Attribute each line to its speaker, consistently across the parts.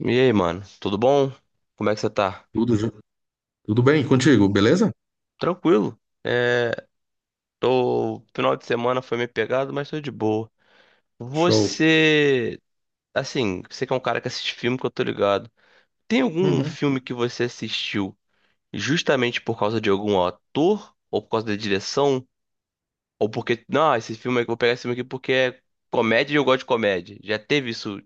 Speaker 1: E aí, mano, tudo bom? Como é que você tá?
Speaker 2: Tudo, jo- Tudo bem contigo, beleza?
Speaker 1: Tranquilo. É, tô... Final de semana foi meio pegado, mas tô de boa.
Speaker 2: Show.
Speaker 1: Você, assim, você que é um cara que assiste filme que eu tô ligado. Tem algum
Speaker 2: Uhum.
Speaker 1: filme que você assistiu justamente por causa de algum ator? Ou por causa da direção? Ou porque, não, esse filme, vou pegar esse filme aqui porque é comédia e eu gosto de comédia. Já teve isso,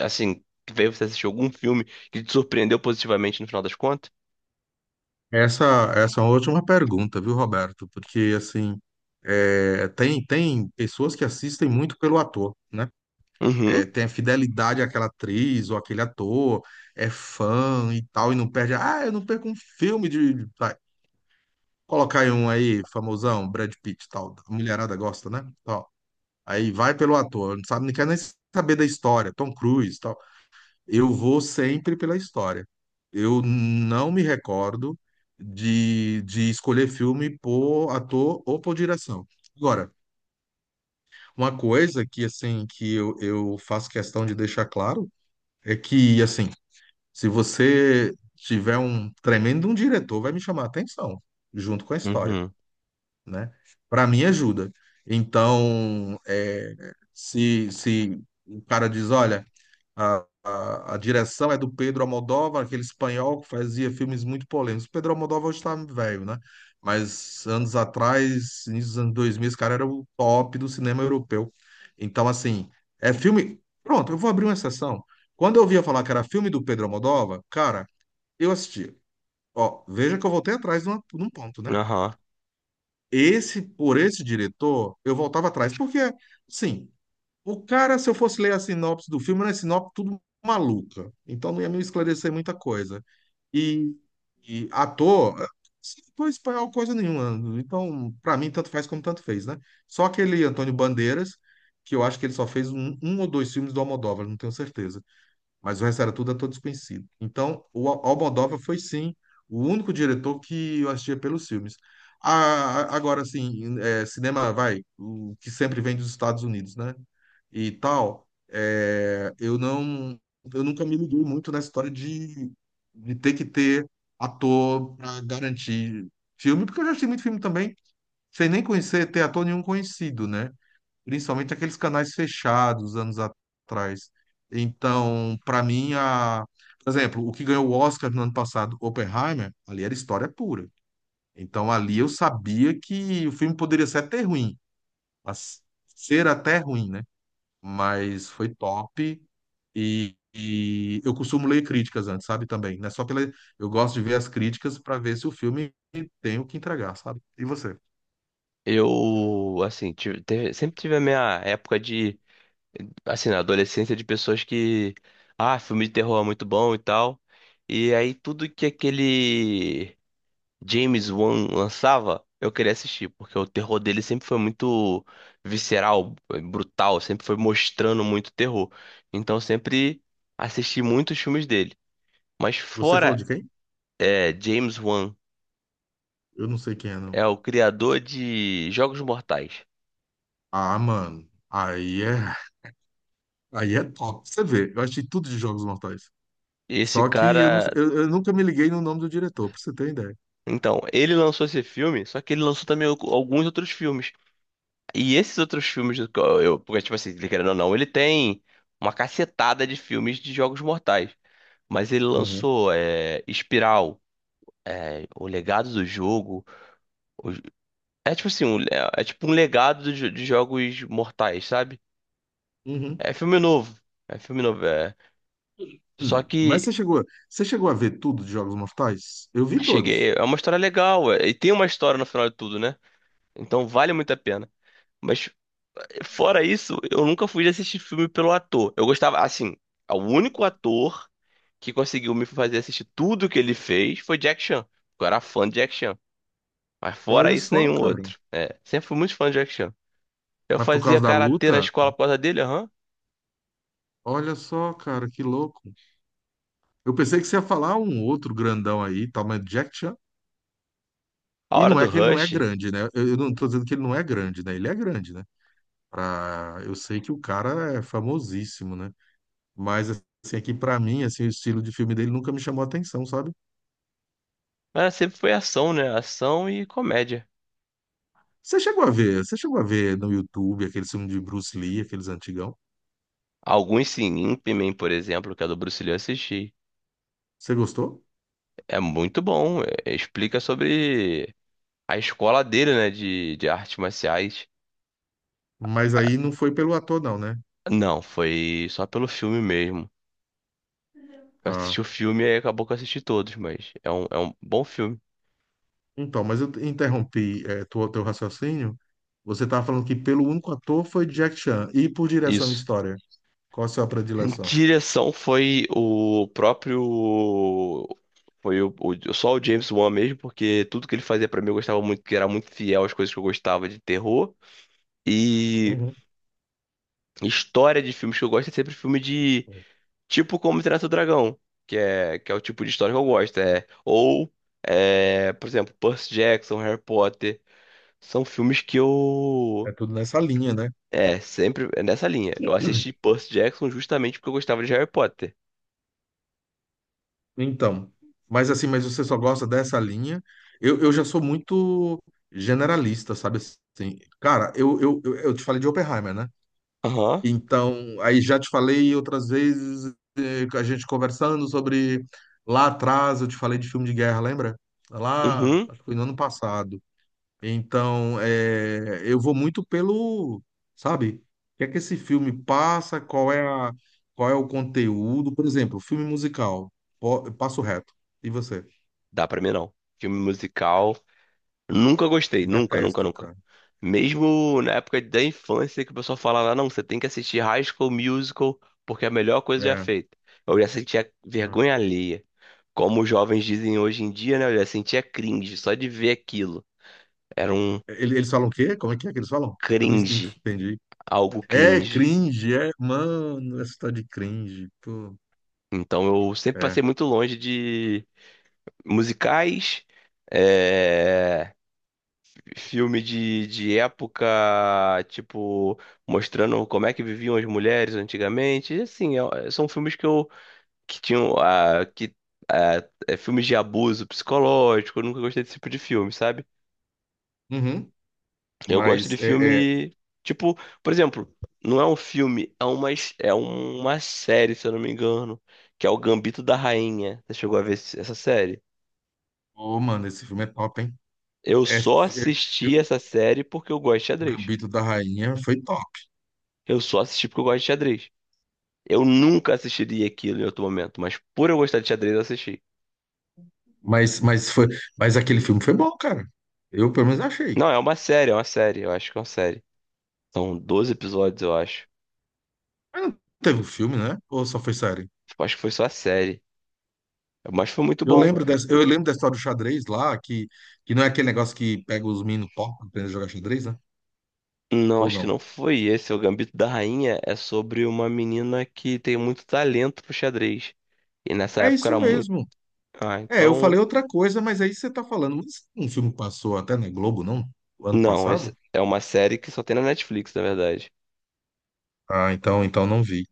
Speaker 1: assim, que veio você assistir algum filme que te surpreendeu positivamente no final das contas?
Speaker 2: Essa é uma última pergunta, viu, Roberto? Porque, assim, é, tem pessoas que assistem muito pelo ator, né? É,
Speaker 1: Uhum,
Speaker 2: tem a fidelidade àquela atriz ou aquele ator, é fã e tal, e não perde. Ah, eu não perco um filme Vai, colocar aí um aí, famosão, Brad Pitt e tal. A mulherada gosta, né? Tal. Aí vai pelo ator, não sabe, não quer nem saber da história, Tom Cruise, tal. Eu vou sempre pela história. Eu não me recordo de escolher filme por ator ou por direção. Agora, uma coisa que assim que eu faço questão de deixar claro é que assim, se você tiver um tremendo um diretor, vai me chamar a atenção junto com a história,
Speaker 1: uhum,
Speaker 2: né? Para mim ajuda. Então, é, se o cara diz, olha a direção é do Pedro Almodóvar, aquele espanhol que fazia filmes muito polêmicos. Pedro Almodóvar hoje está velho, né? Mas anos atrás, início dos anos 2000, esse cara era o top do cinema europeu. Então, assim, é filme. Pronto, eu vou abrir uma exceção. Quando eu ouvia falar que era filme do Pedro Almodóvar, cara, eu assistia. Ó, veja que eu voltei atrás de um ponto, né?
Speaker 1: aham.
Speaker 2: Esse, por esse diretor, eu voltava atrás, porque, sim, o cara, se eu fosse ler a sinopse do filme, era a sinopse tudo maluca. Então não ia me esclarecer muita coisa. E, e ator, não é espanhol coisa nenhuma. Então, pra mim, tanto faz como tanto fez, né? Só aquele Antônio Bandeiras, que eu acho que ele só fez um ou dois filmes do Almodóvar, não tenho certeza mas o resto era tudo ator desconhecido. Então, o Almodóvar foi sim o único diretor que eu assistia pelos filmes. Agora, assim, é, cinema vai, o que sempre vem dos Estados Unidos, né? E tal, é, eu não, eu nunca me liguei muito na história de ter que ter ator para garantir filme, porque eu já assisti muito filme também, sem nem conhecer, ter ator nenhum conhecido, né? Principalmente aqueles canais fechados anos atrás. Então, para mim, a... Por exemplo, o que ganhou o Oscar no ano passado, Oppenheimer, ali era história pura. Então, ali eu sabia que o filme poderia ser até ruim, mas ser até ruim, né? Mas foi top. E eu costumo ler críticas antes, sabe? Também, né? Só pela. Eu gosto de ver as críticas para ver se o filme tem o que entregar, sabe? E você?
Speaker 1: Eu, assim, sempre tive a minha época de, assim, na adolescência, de pessoas que, ah, filme de terror é muito bom e tal. E aí tudo que aquele James Wan lançava, eu queria assistir, porque o terror dele sempre foi muito visceral, brutal, sempre foi mostrando muito terror. Então eu sempre assisti muitos filmes dele. Mas
Speaker 2: Você falou
Speaker 1: fora,
Speaker 2: de quem?
Speaker 1: é, James Wan,
Speaker 2: Eu não sei quem é, não.
Speaker 1: é o criador de Jogos Mortais.
Speaker 2: Ah, mano. Aí é top. Você vê, eu achei tudo de Jogos Mortais.
Speaker 1: Esse
Speaker 2: Só que eu, não-
Speaker 1: cara...
Speaker 2: eu nunca me liguei no nome do diretor, pra você ter ideia.
Speaker 1: Então, ele lançou esse filme, só que ele lançou também alguns outros filmes. E esses outros filmes, do que eu, porque, tipo assim, ele querendo ou não, ele tem uma cacetada de filmes de Jogos Mortais. Mas ele
Speaker 2: Uhum.
Speaker 1: lançou é, Espiral, é, O Legado do Jogo. o- É tipo assim, um, é, é tipo um legado de Jogos Mortais, sabe?
Speaker 2: Uhum.
Speaker 1: É filme novo. É filme novo, é. Só
Speaker 2: Hum. Mas
Speaker 1: que
Speaker 2: você chegou a ver tudo de Jogos Mortais? Eu vi todos.
Speaker 1: cheguei. É uma história legal, é, e tem uma história no final de tudo, né? Então vale muito a pena. Mas fora isso, eu nunca fui de assistir filme pelo ator. Eu gostava, assim, o único ator que conseguiu me fazer assistir tudo que ele fez foi Jack Chan. Eu era fã de Jack Chan. Mas fora
Speaker 2: Olha
Speaker 1: isso,
Speaker 2: só,
Speaker 1: nenhum
Speaker 2: cara.
Speaker 1: outro. É, sempre fui muito fã de Jack Chan. Eu
Speaker 2: Mas por
Speaker 1: fazia
Speaker 2: causa da
Speaker 1: karatê na
Speaker 2: luta,
Speaker 1: escola por causa dele, aham.
Speaker 2: olha só, cara, que louco. Eu pensei que você ia falar um outro grandão aí, tal, mas Jack Chan.
Speaker 1: A
Speaker 2: E
Speaker 1: Hora
Speaker 2: não
Speaker 1: do
Speaker 2: é que ele não é
Speaker 1: Rush.
Speaker 2: grande, né? Eu não tô dizendo que ele não é grande, né? Ele é grande, né? Pra... Eu sei que o cara é famosíssimo, né? Mas assim, aqui pra mim, assim, o estilo de filme dele nunca me chamou a atenção, sabe?
Speaker 1: Mas sempre foi ação, né? Ação e comédia.
Speaker 2: Você chegou a ver, você chegou a ver no YouTube aquele filme de Bruce Lee, aqueles antigão?
Speaker 1: Alguns sim, Ip Man, por exemplo, que é do Bruce Lee, eu assisti.
Speaker 2: Você gostou?
Speaker 1: É muito bom. Explica sobre a escola dele, né? De artes marciais.
Speaker 2: Mas aí não foi pelo ator, não, né?
Speaker 1: Não, foi só pelo filme mesmo. Eu
Speaker 2: Ah,
Speaker 1: assisti o filme e acabou que eu assisti todos, mas é um bom filme.
Speaker 2: então, mas eu interrompi é, teu raciocínio. Você estava falando que pelo único ator foi Jack Chan. E por direção e
Speaker 1: Isso.
Speaker 2: história? Qual a sua predileção?
Speaker 1: Direção foi o próprio. Foi só o James Wan mesmo, porque tudo que ele fazia pra mim eu gostava muito, que era muito fiel às coisas que eu gostava de terror. E
Speaker 2: Uhum.
Speaker 1: história de filmes que eu gosto é sempre filme de... Tipo Como Treinar Seu Dragão, que é o tipo de história que eu gosto. É, ou, é, por exemplo, Percy Jackson, Harry Potter. São filmes que
Speaker 2: É
Speaker 1: eu...
Speaker 2: tudo nessa linha, né?
Speaker 1: É, sempre é nessa linha. Eu assisti Percy Jackson justamente porque eu gostava de Harry Potter.
Speaker 2: Então, mas assim, mas você só gosta dessa linha? Eu já sou muito generalista, sabe assim? Cara, eu te falei de Oppenheimer, né?
Speaker 1: Aham.
Speaker 2: Então, aí já te falei outras vezes, a gente conversando sobre. Lá atrás eu te falei de filme de guerra, lembra? Lá,
Speaker 1: Uhum.
Speaker 2: acho que foi no ano passado. Então, é, eu vou muito pelo, sabe, o que é que esse filme passa, qual é a, qual é o conteúdo. Por exemplo, filme musical, eu passo reto. E você?
Speaker 1: Dá pra mim não. Filme musical. Nunca gostei. Nunca, nunca,
Speaker 2: Detesto,
Speaker 1: nunca.
Speaker 2: cara.
Speaker 1: Mesmo na época da infância que o pessoal fala lá, não, você tem que assistir High School Musical porque é a melhor coisa já
Speaker 2: É,
Speaker 1: feita. Eu já sentia
Speaker 2: é.
Speaker 1: vergonha alheia. Como os jovens dizem hoje em dia, né? Eu já sentia cringe só de ver aquilo. Era um
Speaker 2: Ele- Eles falam o quê? Como é que eles falam? Eu não
Speaker 1: cringe.
Speaker 2: entendi.
Speaker 1: Algo
Speaker 2: É
Speaker 1: cringe.
Speaker 2: cringe, é, mano, essa tá de cringe, pô.
Speaker 1: Então eu sempre
Speaker 2: É.
Speaker 1: passei muito longe de musicais, é, filme de época, tipo, mostrando como é que viviam as mulheres antigamente. E, assim, são filmes que eu que tinham ah, é, filmes de abuso psicológico, eu nunca gostei desse tipo de filme, sabe?
Speaker 2: Uhum.
Speaker 1: Eu gosto de
Speaker 2: Mas é, é,
Speaker 1: filme, tipo, por exemplo, não é um filme, é uma, é uma série, se eu não me engano, que é o Gambito da Rainha. Você chegou a ver essa série?
Speaker 2: ô, mano, esse filme é top, hein?
Speaker 1: Eu
Speaker 2: É,
Speaker 1: só assisti
Speaker 2: eu-
Speaker 1: essa série porque eu gosto de xadrez.
Speaker 2: Gambito da Rainha foi top.
Speaker 1: Eu só assisti porque eu gosto de xadrez. Eu nunca assistiria aquilo em outro momento, mas por eu gostar de xadrez, eu assisti.
Speaker 2: Mas, mas, foi, mas aquele filme foi bom, cara. Eu, pelo menos, achei.
Speaker 1: Não, é uma série, é uma série. Eu acho que é uma série. São 12 episódios, eu acho.
Speaker 2: Mas não teve um filme, né? Ou só foi série?
Speaker 1: Eu acho que foi só a série. Mas foi muito
Speaker 2: Eu
Speaker 1: bom.
Speaker 2: lembro dessa, eu lembro da história do xadrez lá, que não é aquele negócio que pega os meninos top pra aprender a jogar xadrez, né?
Speaker 1: Não,
Speaker 2: Ou
Speaker 1: acho que não
Speaker 2: não?
Speaker 1: foi esse. É, o Gambito da Rainha é sobre uma menina que tem muito talento pro xadrez. E nessa
Speaker 2: É
Speaker 1: época
Speaker 2: isso
Speaker 1: era muito...
Speaker 2: mesmo.
Speaker 1: Ah,
Speaker 2: É, eu
Speaker 1: então.
Speaker 2: falei outra coisa, mas aí você tá falando. Mas um filme passou até na Globo, não? O ano
Speaker 1: Não, essa
Speaker 2: passado?
Speaker 1: é uma série que só tem na Netflix, na verdade.
Speaker 2: Ah, então, então não vi.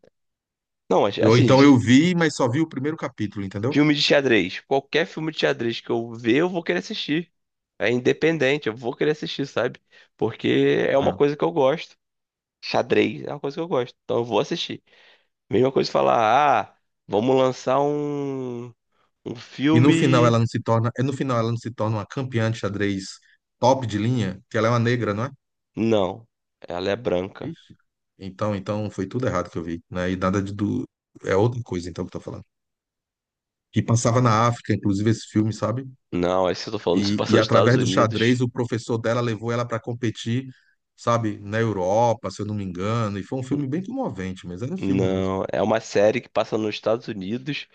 Speaker 1: Não, mas
Speaker 2: Ou
Speaker 1: assim,
Speaker 2: então eu vi, mas só vi o primeiro capítulo, entendeu?
Speaker 1: filme de xadrez. Qualquer filme de xadrez que eu ver, eu vou querer assistir. É independente, eu vou querer assistir, sabe? Porque é uma
Speaker 2: Ah.
Speaker 1: coisa que eu gosto. Xadrez é uma coisa que eu gosto. Então eu vou assistir. Mesma coisa falar, ah, vamos lançar um, um
Speaker 2: E no final ela
Speaker 1: filme.
Speaker 2: não se torna, no final ela não se torna uma campeã de xadrez top de linha, que ela é uma negra, não é?
Speaker 1: Não, ela é branca.
Speaker 2: Ixi. Então, então foi tudo errado que eu vi, né? E nada de do é outra coisa então que eu tô falando. Que passava na África, inclusive esse filme, sabe?
Speaker 1: Não, esse que eu tô falando se
Speaker 2: E,
Speaker 1: passa
Speaker 2: e
Speaker 1: nos Estados
Speaker 2: através do
Speaker 1: Unidos.
Speaker 2: xadrez o professor dela levou ela para competir, sabe, na Europa, se eu não me engano, e foi um filme bem comovente, mas era um filme mesmo.
Speaker 1: Não, é uma série que passa nos Estados Unidos.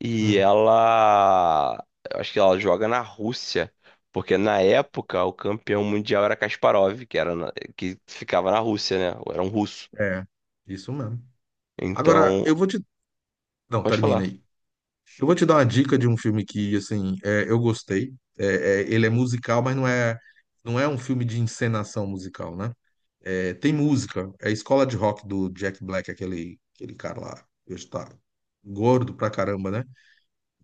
Speaker 1: E
Speaker 2: Hum,
Speaker 1: ela... Eu acho que ela joga na Rússia. Porque na época o campeão mundial era Kasparov, que ficava na Rússia, né? Era um russo.
Speaker 2: é, isso mesmo. Agora
Speaker 1: Então,
Speaker 2: eu vou te, não,
Speaker 1: pode
Speaker 2: termina
Speaker 1: falar.
Speaker 2: aí. Eu vou te dar uma dica de um filme que assim, é, eu gostei. Ele é musical, mas não é um filme de encenação musical, né? É, tem música. É a escola de rock do Jack Black, aquele cara lá. Que hoje tá gordo pra caramba, né?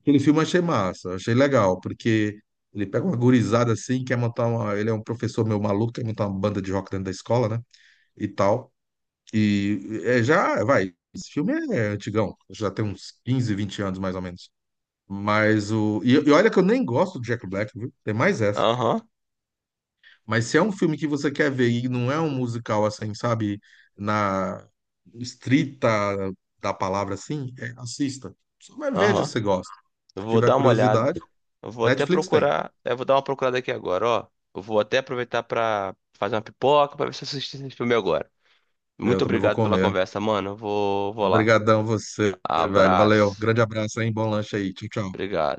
Speaker 2: Aquele filme eu achei massa, achei legal, porque ele pega uma gurizada assim, quer montar uma. Ele é um professor meio maluco, quer montar uma banda de rock dentro da escola, né? E tal. E é, já, vai. Esse filme é antigão, já tem uns 15 a 20 anos mais ou menos. Mas o. E olha que eu nem gosto do Jack Black, viu? Tem mais essa.
Speaker 1: Aham,
Speaker 2: Mas se é um filme que você quer ver e não é um musical assim, sabe, na estrita da palavra assim, é, assista. Só vai ver se
Speaker 1: aham.
Speaker 2: você gosta.
Speaker 1: Eu
Speaker 2: Se
Speaker 1: vou
Speaker 2: tiver
Speaker 1: dar uma olhada.
Speaker 2: curiosidade,
Speaker 1: Eu vou até
Speaker 2: Netflix tem.
Speaker 1: procurar. Eu vou dar uma procurada aqui agora, ó. Eu vou até aproveitar pra fazer uma pipoca pra ver se eu assisti esse filme agora.
Speaker 2: Eu
Speaker 1: Muito
Speaker 2: também vou
Speaker 1: obrigado pela
Speaker 2: comer.
Speaker 1: conversa, mano. Eu vou lá.
Speaker 2: Obrigadão você, velho. Valeu.
Speaker 1: Abraço.
Speaker 2: Grande abraço, hein? Bom lanche aí. Tchau, tchau.
Speaker 1: Obrigado.